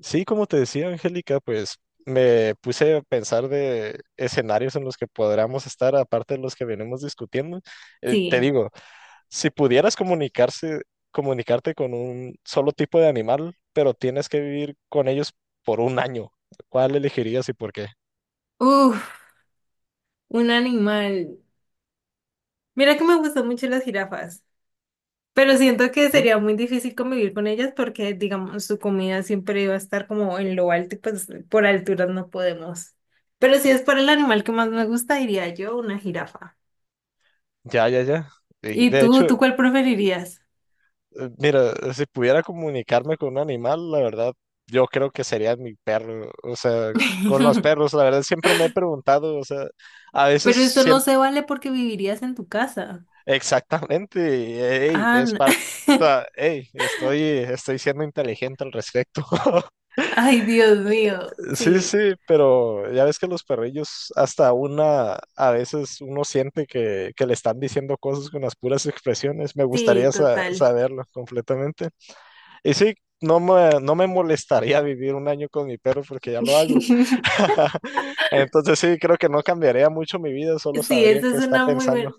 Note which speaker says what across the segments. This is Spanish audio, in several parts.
Speaker 1: Sí, como te decía, Angélica, pues me puse a pensar de escenarios en los que podríamos estar, aparte de los que venimos discutiendo. Te
Speaker 2: Sí.
Speaker 1: digo, si pudieras comunicarte con un solo tipo de animal, pero tienes que vivir con ellos por un año. ¿Cuál elegirías y por qué?
Speaker 2: Uf, un animal. Mira que me gustan mucho las jirafas, pero siento que
Speaker 1: Ujú.
Speaker 2: sería muy difícil convivir con ellas porque, digamos, su comida siempre iba a estar como en lo alto y pues por alturas no podemos. Pero si es por el animal que más me gusta, diría yo una jirafa.
Speaker 1: Ya, ya, ya. Y
Speaker 2: ¿Y
Speaker 1: de
Speaker 2: tú,
Speaker 1: hecho,
Speaker 2: tú cuál preferirías?
Speaker 1: Mira, si pudiera comunicarme con un animal, la verdad, yo creo que sería mi perro. O sea, con los perros, la verdad, siempre me he preguntado, o sea, a veces
Speaker 2: Pero esto no
Speaker 1: siento
Speaker 2: se vale porque vivirías en tu casa.
Speaker 1: exactamente, ey,
Speaker 2: Ah,
Speaker 1: es parte, o sea, ey, estoy siendo inteligente al respecto.
Speaker 2: Ay, Dios mío.
Speaker 1: Sí, sí,
Speaker 2: Sí,
Speaker 1: pero ya ves que los perrillos, hasta una, a veces uno siente que le están diciendo cosas con las puras expresiones. Me
Speaker 2: sí,
Speaker 1: gustaría
Speaker 2: total.
Speaker 1: saberlo completamente. Y sí, no me molestaría vivir un año con mi perro porque ya lo hago. Entonces sí, creo que no cambiaría mucho mi vida, solo
Speaker 2: Sí,
Speaker 1: sabría
Speaker 2: esa
Speaker 1: qué
Speaker 2: es
Speaker 1: está
Speaker 2: una muy
Speaker 1: pensando.
Speaker 2: buena,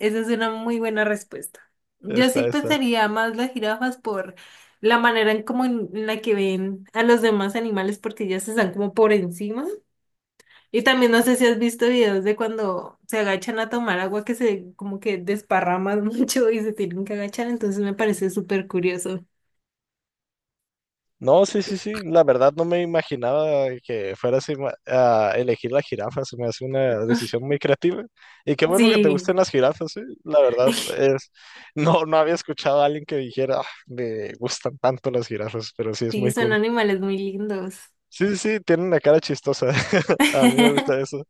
Speaker 2: esa es una muy buena respuesta. Yo sí
Speaker 1: Está, está.
Speaker 2: pensaría más las jirafas por la manera en como en la que ven a los demás animales porque ellas están como por encima. Y también no sé si has visto videos de cuando se agachan a tomar agua que se como que desparraman mucho y se tienen que agachar, entonces me parece súper curioso.
Speaker 1: No, sí, sí, sí, la verdad no me imaginaba que fuera así, a elegir la jirafa, se me hace una decisión muy creativa. Y qué bueno que te gusten
Speaker 2: Sí,
Speaker 1: las jirafas, sí. La verdad es, no, no había escuchado a alguien que dijera: "Ah, me gustan tanto las jirafas, pero sí es
Speaker 2: sí,
Speaker 1: muy
Speaker 2: son
Speaker 1: cool."
Speaker 2: animales muy lindos.
Speaker 1: Sí, sí, sí, tienen una cara chistosa. A mí me gusta eso.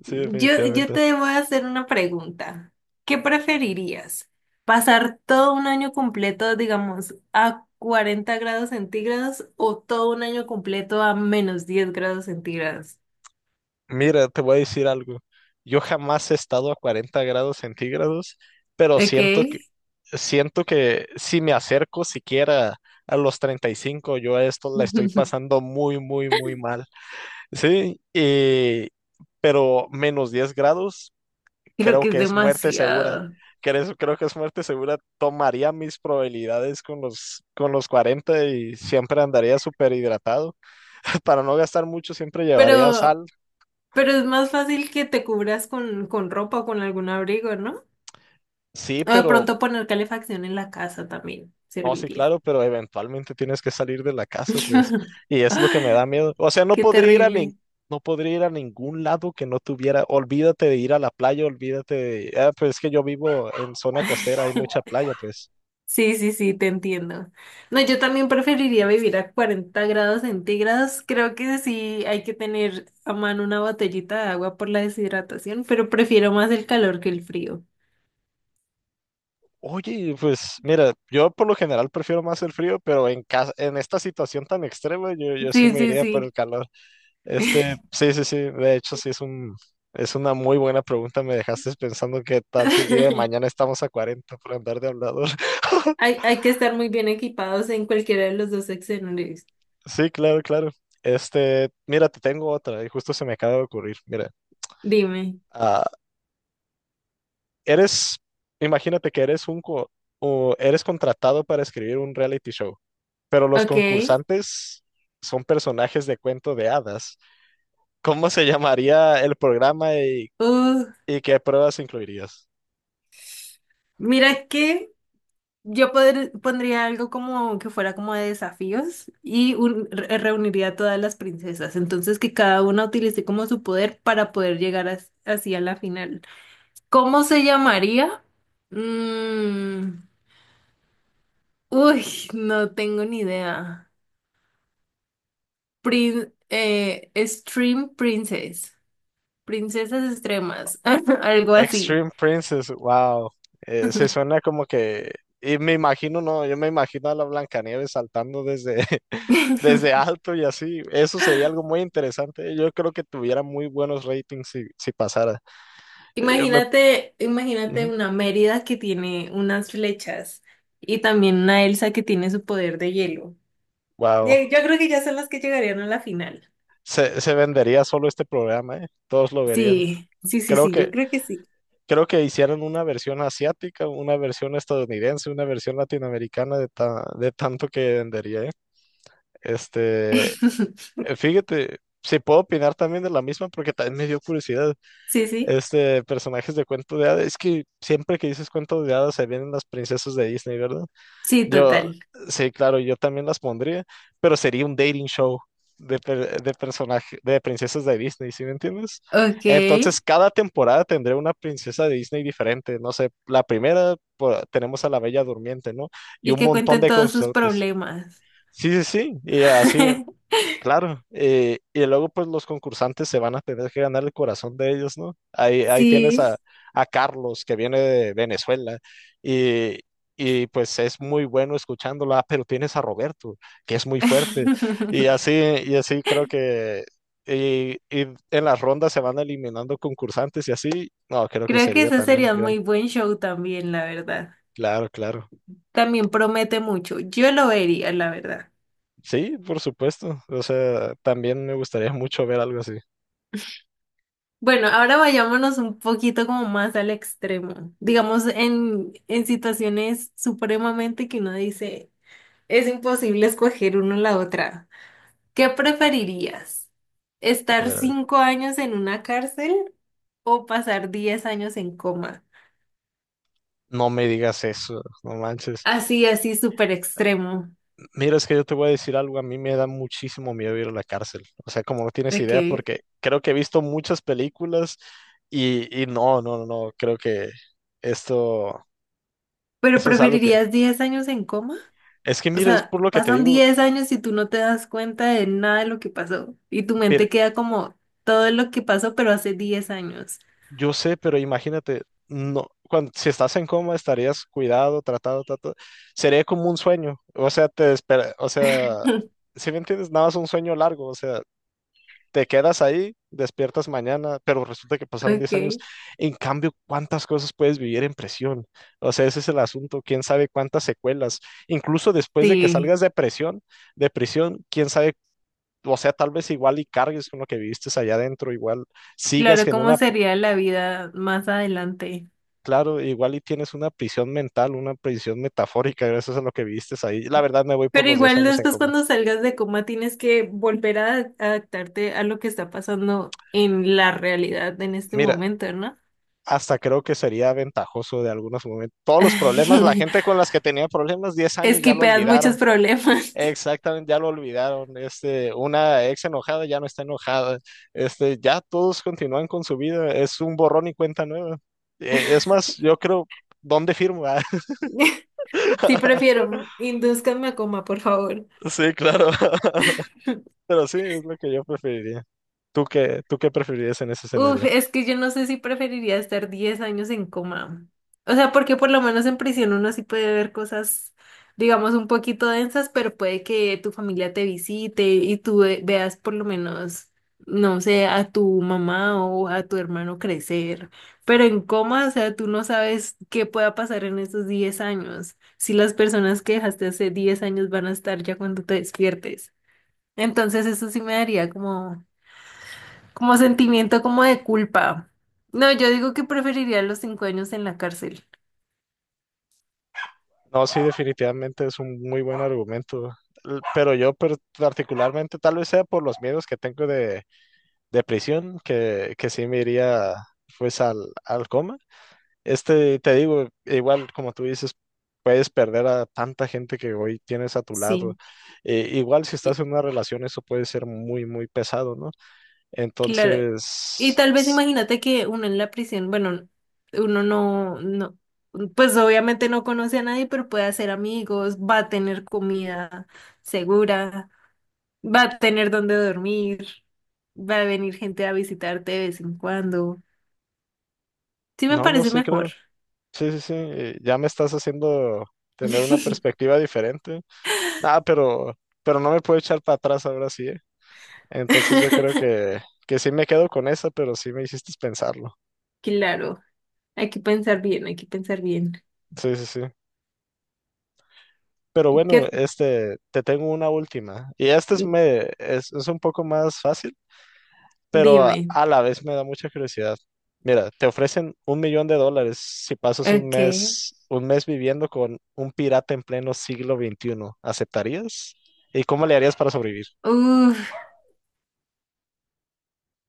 Speaker 1: Sí,
Speaker 2: Yo
Speaker 1: definitivamente.
Speaker 2: te voy a hacer una pregunta. ¿Qué preferirías? ¿Pasar todo un año completo, digamos, a 40 grados centígrados o todo un año completo a -10 grados centígrados?
Speaker 1: Mira, te voy a decir algo. Yo jamás he estado a 40 grados centígrados, pero
Speaker 2: Ok.
Speaker 1: siento que, si me acerco siquiera a los 35, yo a esto la estoy pasando muy, muy, muy mal. Sí, pero menos 10 grados,
Speaker 2: Creo
Speaker 1: creo
Speaker 2: que es
Speaker 1: que es muerte segura.
Speaker 2: demasiado.
Speaker 1: Creo que es muerte segura. Tomaría mis probabilidades con los 40 y siempre andaría súper hidratado. Para no gastar mucho, siempre llevaría
Speaker 2: Pero,
Speaker 1: sal.
Speaker 2: pero es más fácil que te cubras con ropa o con algún abrigo, ¿no?
Speaker 1: Sí,
Speaker 2: O de
Speaker 1: pero
Speaker 2: pronto poner calefacción en la casa también
Speaker 1: no, sí,
Speaker 2: serviría.
Speaker 1: claro, pero eventualmente tienes que salir de la casa, pues. Y es lo que me da miedo. O sea, no
Speaker 2: Qué
Speaker 1: podría ir a nin-
Speaker 2: terrible.
Speaker 1: no podría ir a ningún lado que no tuviera. Olvídate de ir a la playa, olvídate de. Ah, pues es que yo vivo en zona costera, hay mucha playa, pues.
Speaker 2: Sí, sí, sí, te entiendo. No, yo también preferiría vivir a 40 grados centígrados. Creo que sí hay que tener a mano una botellita de agua por la deshidratación, pero prefiero más el calor que el frío.
Speaker 1: Oye, pues mira, yo por lo general prefiero más el frío, pero en casa, en esta situación tan extrema, yo sí
Speaker 2: Sí,
Speaker 1: me
Speaker 2: sí,
Speaker 1: iría por
Speaker 2: sí.
Speaker 1: el calor. Este, sí, sí, sí, de hecho sí es es una muy buena pregunta, me dejaste pensando qué tal si el día de mañana estamos a 40 por andar de hablador.
Speaker 2: Hay que estar muy bien equipados en cualquiera de los dos escenarios.
Speaker 1: Sí, claro, claro. Este, mira, te tengo otra y justo se me acaba de ocurrir. Mira,
Speaker 2: Dime.
Speaker 1: ah, eres, imagínate que eres o eres contratado para escribir un reality show, pero los
Speaker 2: Ok.
Speaker 1: concursantes son personajes de cuento de hadas. ¿Cómo se llamaría el programa y
Speaker 2: Uh,
Speaker 1: qué pruebas incluirías?
Speaker 2: mira que pondría algo como que fuera como de desafíos y reuniría a todas las princesas. Entonces que cada una utilice como su poder para poder llegar así a la final. ¿Cómo se llamaría? Mm, uy, no tengo ni idea. Stream Princess. Princesas extremas. Algo así.
Speaker 1: Extreme Princess, wow. Se suena como que. Y me imagino, no, yo me imagino a la Blancanieves saltando desde alto y así. Eso sería algo muy interesante. Yo creo que tuviera muy buenos ratings si pasara. Yo me.
Speaker 2: Imagínate, imagínate
Speaker 1: Ujú.
Speaker 2: una Mérida que tiene unas flechas y también una Elsa que tiene su poder de hielo.
Speaker 1: Wow.
Speaker 2: Yo creo que ya son las que llegarían a la final.
Speaker 1: Se vendería solo este programa, ¿eh? Todos lo verían.
Speaker 2: Sí, sí, sí,
Speaker 1: Creo
Speaker 2: sí,
Speaker 1: que,
Speaker 2: yo creo que sí.
Speaker 1: creo que hicieron una versión asiática, una versión estadounidense, una versión latinoamericana de tanto que vendería, ¿eh? Este, Fíjate, si puedo opinar también de la misma porque también me dio curiosidad.
Speaker 2: Sí, sí,
Speaker 1: Este, personajes de cuento de hadas, es que siempre que dices cuento de hadas se vienen las princesas de Disney, ¿verdad?
Speaker 2: sí,
Speaker 1: Yo,
Speaker 2: total.
Speaker 1: sí, claro, yo también las pondría, pero sería un dating show de personaje, de princesas de Disney. ¿Sí me entiendes?
Speaker 2: Ok.
Speaker 1: Entonces, cada temporada tendré una princesa de Disney diferente, no sé, la primera pues, tenemos a la Bella Durmiente, ¿no? Y
Speaker 2: Y
Speaker 1: un
Speaker 2: que
Speaker 1: montón
Speaker 2: cuenten
Speaker 1: de
Speaker 2: todos sus
Speaker 1: consortes.
Speaker 2: problemas.
Speaker 1: Sí, sí, sí, y así. Claro, y luego pues los concursantes se van a tener que ganar el corazón de ellos, ¿no? Ahí tienes
Speaker 2: Sí.
Speaker 1: a Carlos, que viene de Venezuela y, y pues es muy bueno escuchándola, pero tienes a Roberto, que es muy fuerte y así, creo que y en las rondas se van eliminando concursantes y así, no, creo que
Speaker 2: Creo que
Speaker 1: sería
Speaker 2: ese
Speaker 1: también
Speaker 2: sería un
Speaker 1: gran-.
Speaker 2: muy buen show también, la verdad.
Speaker 1: Claro, claro.
Speaker 2: También promete mucho. Yo lo vería, la verdad.
Speaker 1: Sí, por supuesto. O sea, también me gustaría mucho ver algo así.
Speaker 2: Bueno, ahora vayámonos un poquito como más al extremo. Digamos, en situaciones supremamente que uno dice, es imposible escoger uno la otra. ¿Qué preferirías?
Speaker 1: A
Speaker 2: ¿Estar
Speaker 1: ver, a ver.
Speaker 2: 5 años en una cárcel o pasar 10 años en coma?
Speaker 1: No me digas eso, no manches.
Speaker 2: Así, así, súper extremo.
Speaker 1: Mira, es que yo te voy a decir algo, a mí me da muchísimo miedo ir a la cárcel. O sea, como no tienes idea,
Speaker 2: Ok.
Speaker 1: porque creo que he visto muchas películas y no, no, no, no, creo que esto,
Speaker 2: ¿Pero
Speaker 1: eso es algo que,
Speaker 2: preferirías 10 años en coma?
Speaker 1: es que
Speaker 2: O
Speaker 1: mira, es
Speaker 2: sea,
Speaker 1: por lo que te
Speaker 2: pasan
Speaker 1: digo,
Speaker 2: 10 años y tú no te das cuenta de nada de lo que pasó. Y tu
Speaker 1: pero
Speaker 2: mente queda como todo lo que pasó, pero hace 10 años.
Speaker 1: yo sé, pero imagínate, no, cuando, si estás en coma estarías cuidado, tratado, sería como un sueño, o sea, te espera, o sea, si me entiendes, nada más un sueño largo, o sea, te quedas ahí, despiertas mañana, pero resulta que pasaron
Speaker 2: Ok,
Speaker 1: 10 años. En cambio, ¿cuántas cosas puedes vivir en prisión? O sea, ese es el asunto, quién sabe cuántas secuelas. Incluso después de que
Speaker 2: sí.
Speaker 1: salgas de prisión, quién sabe, o sea, tal vez igual y cargues con lo que viviste allá adentro, igual sigas
Speaker 2: Claro,
Speaker 1: en
Speaker 2: cómo
Speaker 1: una,
Speaker 2: sería la vida más adelante.
Speaker 1: claro, igual y tienes una prisión mental, una prisión metafórica gracias a lo que viviste ahí. La verdad me voy por
Speaker 2: Pero
Speaker 1: los 10
Speaker 2: igual
Speaker 1: años en
Speaker 2: después
Speaker 1: coma.
Speaker 2: cuando salgas de coma tienes que volver a adaptarte a lo que está pasando en la realidad en este
Speaker 1: Mira,
Speaker 2: momento, ¿no?
Speaker 1: hasta creo que sería ventajoso de algunos momentos. Todos los problemas, la gente con las que tenía problemas 10 años ya lo
Speaker 2: Esquipeas muchos
Speaker 1: olvidaron.
Speaker 2: problemas.
Speaker 1: Exactamente, ya lo olvidaron. Este, una ex enojada ya no está enojada. Este, ya todos continúan con su vida. Es un borrón y cuenta nueva. Es más, yo creo, ¿dónde firmo? ¿Ah?
Speaker 2: Sí, prefiero, indúzcanme a coma, por favor.
Speaker 1: Sí, claro. Pero sí, es lo que yo preferiría. ¿Tú qué preferirías en ese
Speaker 2: Uf,
Speaker 1: escenario?
Speaker 2: es que yo no sé si preferiría estar 10 años en coma. O sea, porque por lo menos en prisión uno sí puede ver cosas, digamos, un poquito densas, pero puede que tu familia te visite y tú veas por lo menos, no sé, a tu mamá o a tu hermano crecer. Pero en coma, o sea, tú no sabes qué pueda pasar en esos 10 años, si las personas que dejaste hace 10 años van a estar ya cuando te despiertes. Entonces eso sí me daría como sentimiento como de culpa. No, yo digo que preferiría los 5 años en la cárcel.
Speaker 1: No, sí, definitivamente es un muy buen argumento, pero yo particularmente tal vez sea por los miedos que tengo de prisión, que sí me iría pues al coma. Este, te digo, igual como tú dices, puedes perder a tanta gente que hoy tienes a tu lado.
Speaker 2: Sí,
Speaker 1: Igual si
Speaker 2: y-
Speaker 1: estás en una relación, eso puede ser muy, muy pesado, ¿no?
Speaker 2: claro. Y
Speaker 1: Entonces,
Speaker 2: tal vez imagínate que uno en la prisión, bueno, uno no, no, pues obviamente no conoce a nadie, pero puede hacer amigos, va a tener comida segura, va a tener donde dormir, va a venir gente a visitarte de vez en cuando. Sí me
Speaker 1: no, no
Speaker 2: parece
Speaker 1: sé,
Speaker 2: mejor.
Speaker 1: creo. Sí, sí, sí, ya me estás haciendo tener una perspectiva diferente. Ah, pero no me puedo echar para atrás ahora sí, ¿eh? Entonces yo creo que sí me quedo con esa, pero sí me hiciste pensarlo.
Speaker 2: Claro, hay que pensar bien, hay que pensar bien.
Speaker 1: Sí, sí, sí. Pero bueno,
Speaker 2: ¿Qué
Speaker 1: este, te tengo una última. Y esta es un poco más fácil, pero
Speaker 2: Dime.
Speaker 1: a la vez me da mucha curiosidad. Mira, te ofrecen 1 millón de dólares si pasas
Speaker 2: Ok.
Speaker 1: un mes viviendo con un pirata en pleno siglo XXI. ¿Aceptarías? ¿Y cómo le harías para sobrevivir?
Speaker 2: Uf,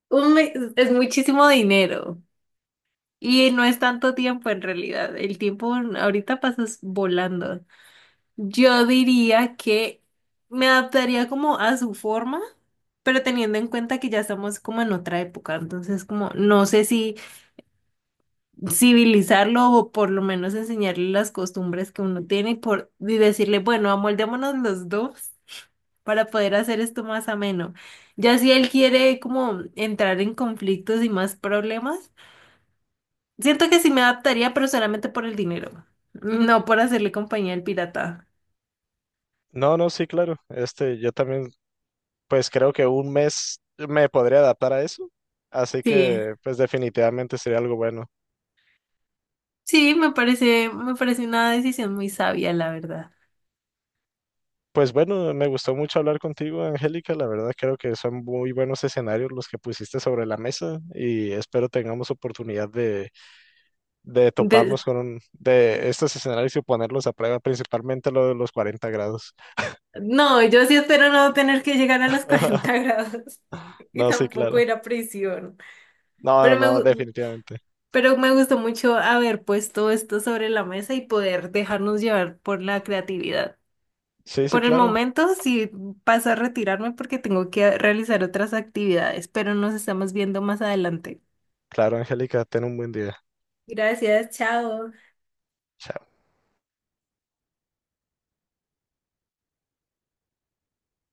Speaker 2: un mes es muchísimo dinero. Y no es tanto tiempo en realidad. El tiempo ahorita pasas volando. Yo diría que me adaptaría como a su forma, pero teniendo en cuenta que ya estamos como en otra época. Entonces, como no sé si civilizarlo o por lo menos enseñarle las costumbres que uno tiene y decirle, bueno, amoldémonos los dos para poder hacer esto más ameno. Ya si él quiere como entrar en conflictos y más problemas, siento que sí me adaptaría, pero solamente por el dinero, no por hacerle compañía al pirata.
Speaker 1: No, no, sí, claro. Este, yo también, pues creo que un mes me podría adaptar a eso. Así
Speaker 2: Sí,
Speaker 1: que pues definitivamente sería algo bueno.
Speaker 2: sí, me parece una decisión muy sabia, la verdad.
Speaker 1: Pues bueno, me gustó mucho hablar contigo, Angélica. La verdad creo que son muy buenos escenarios los que pusiste sobre la mesa y espero tengamos oportunidad de toparnos
Speaker 2: De-
Speaker 1: con de estos escenarios y ponerlos a prueba, principalmente lo de los 40 grados.
Speaker 2: no, yo sí espero no tener que llegar a los 40 grados y
Speaker 1: No, sí,
Speaker 2: tampoco
Speaker 1: claro.
Speaker 2: ir a prisión.
Speaker 1: No, no,
Speaker 2: Pero me,
Speaker 1: no,
Speaker 2: gu-
Speaker 1: definitivamente.
Speaker 2: pero me gustó mucho haber puesto esto sobre la mesa y poder dejarnos llevar por la creatividad.
Speaker 1: Sí, sí,
Speaker 2: Por el
Speaker 1: claro.
Speaker 2: momento sí paso a retirarme porque tengo que realizar otras actividades, pero nos estamos viendo más adelante.
Speaker 1: Claro, Angélica, ten un buen día.
Speaker 2: Gracias, chao.
Speaker 1: Chao.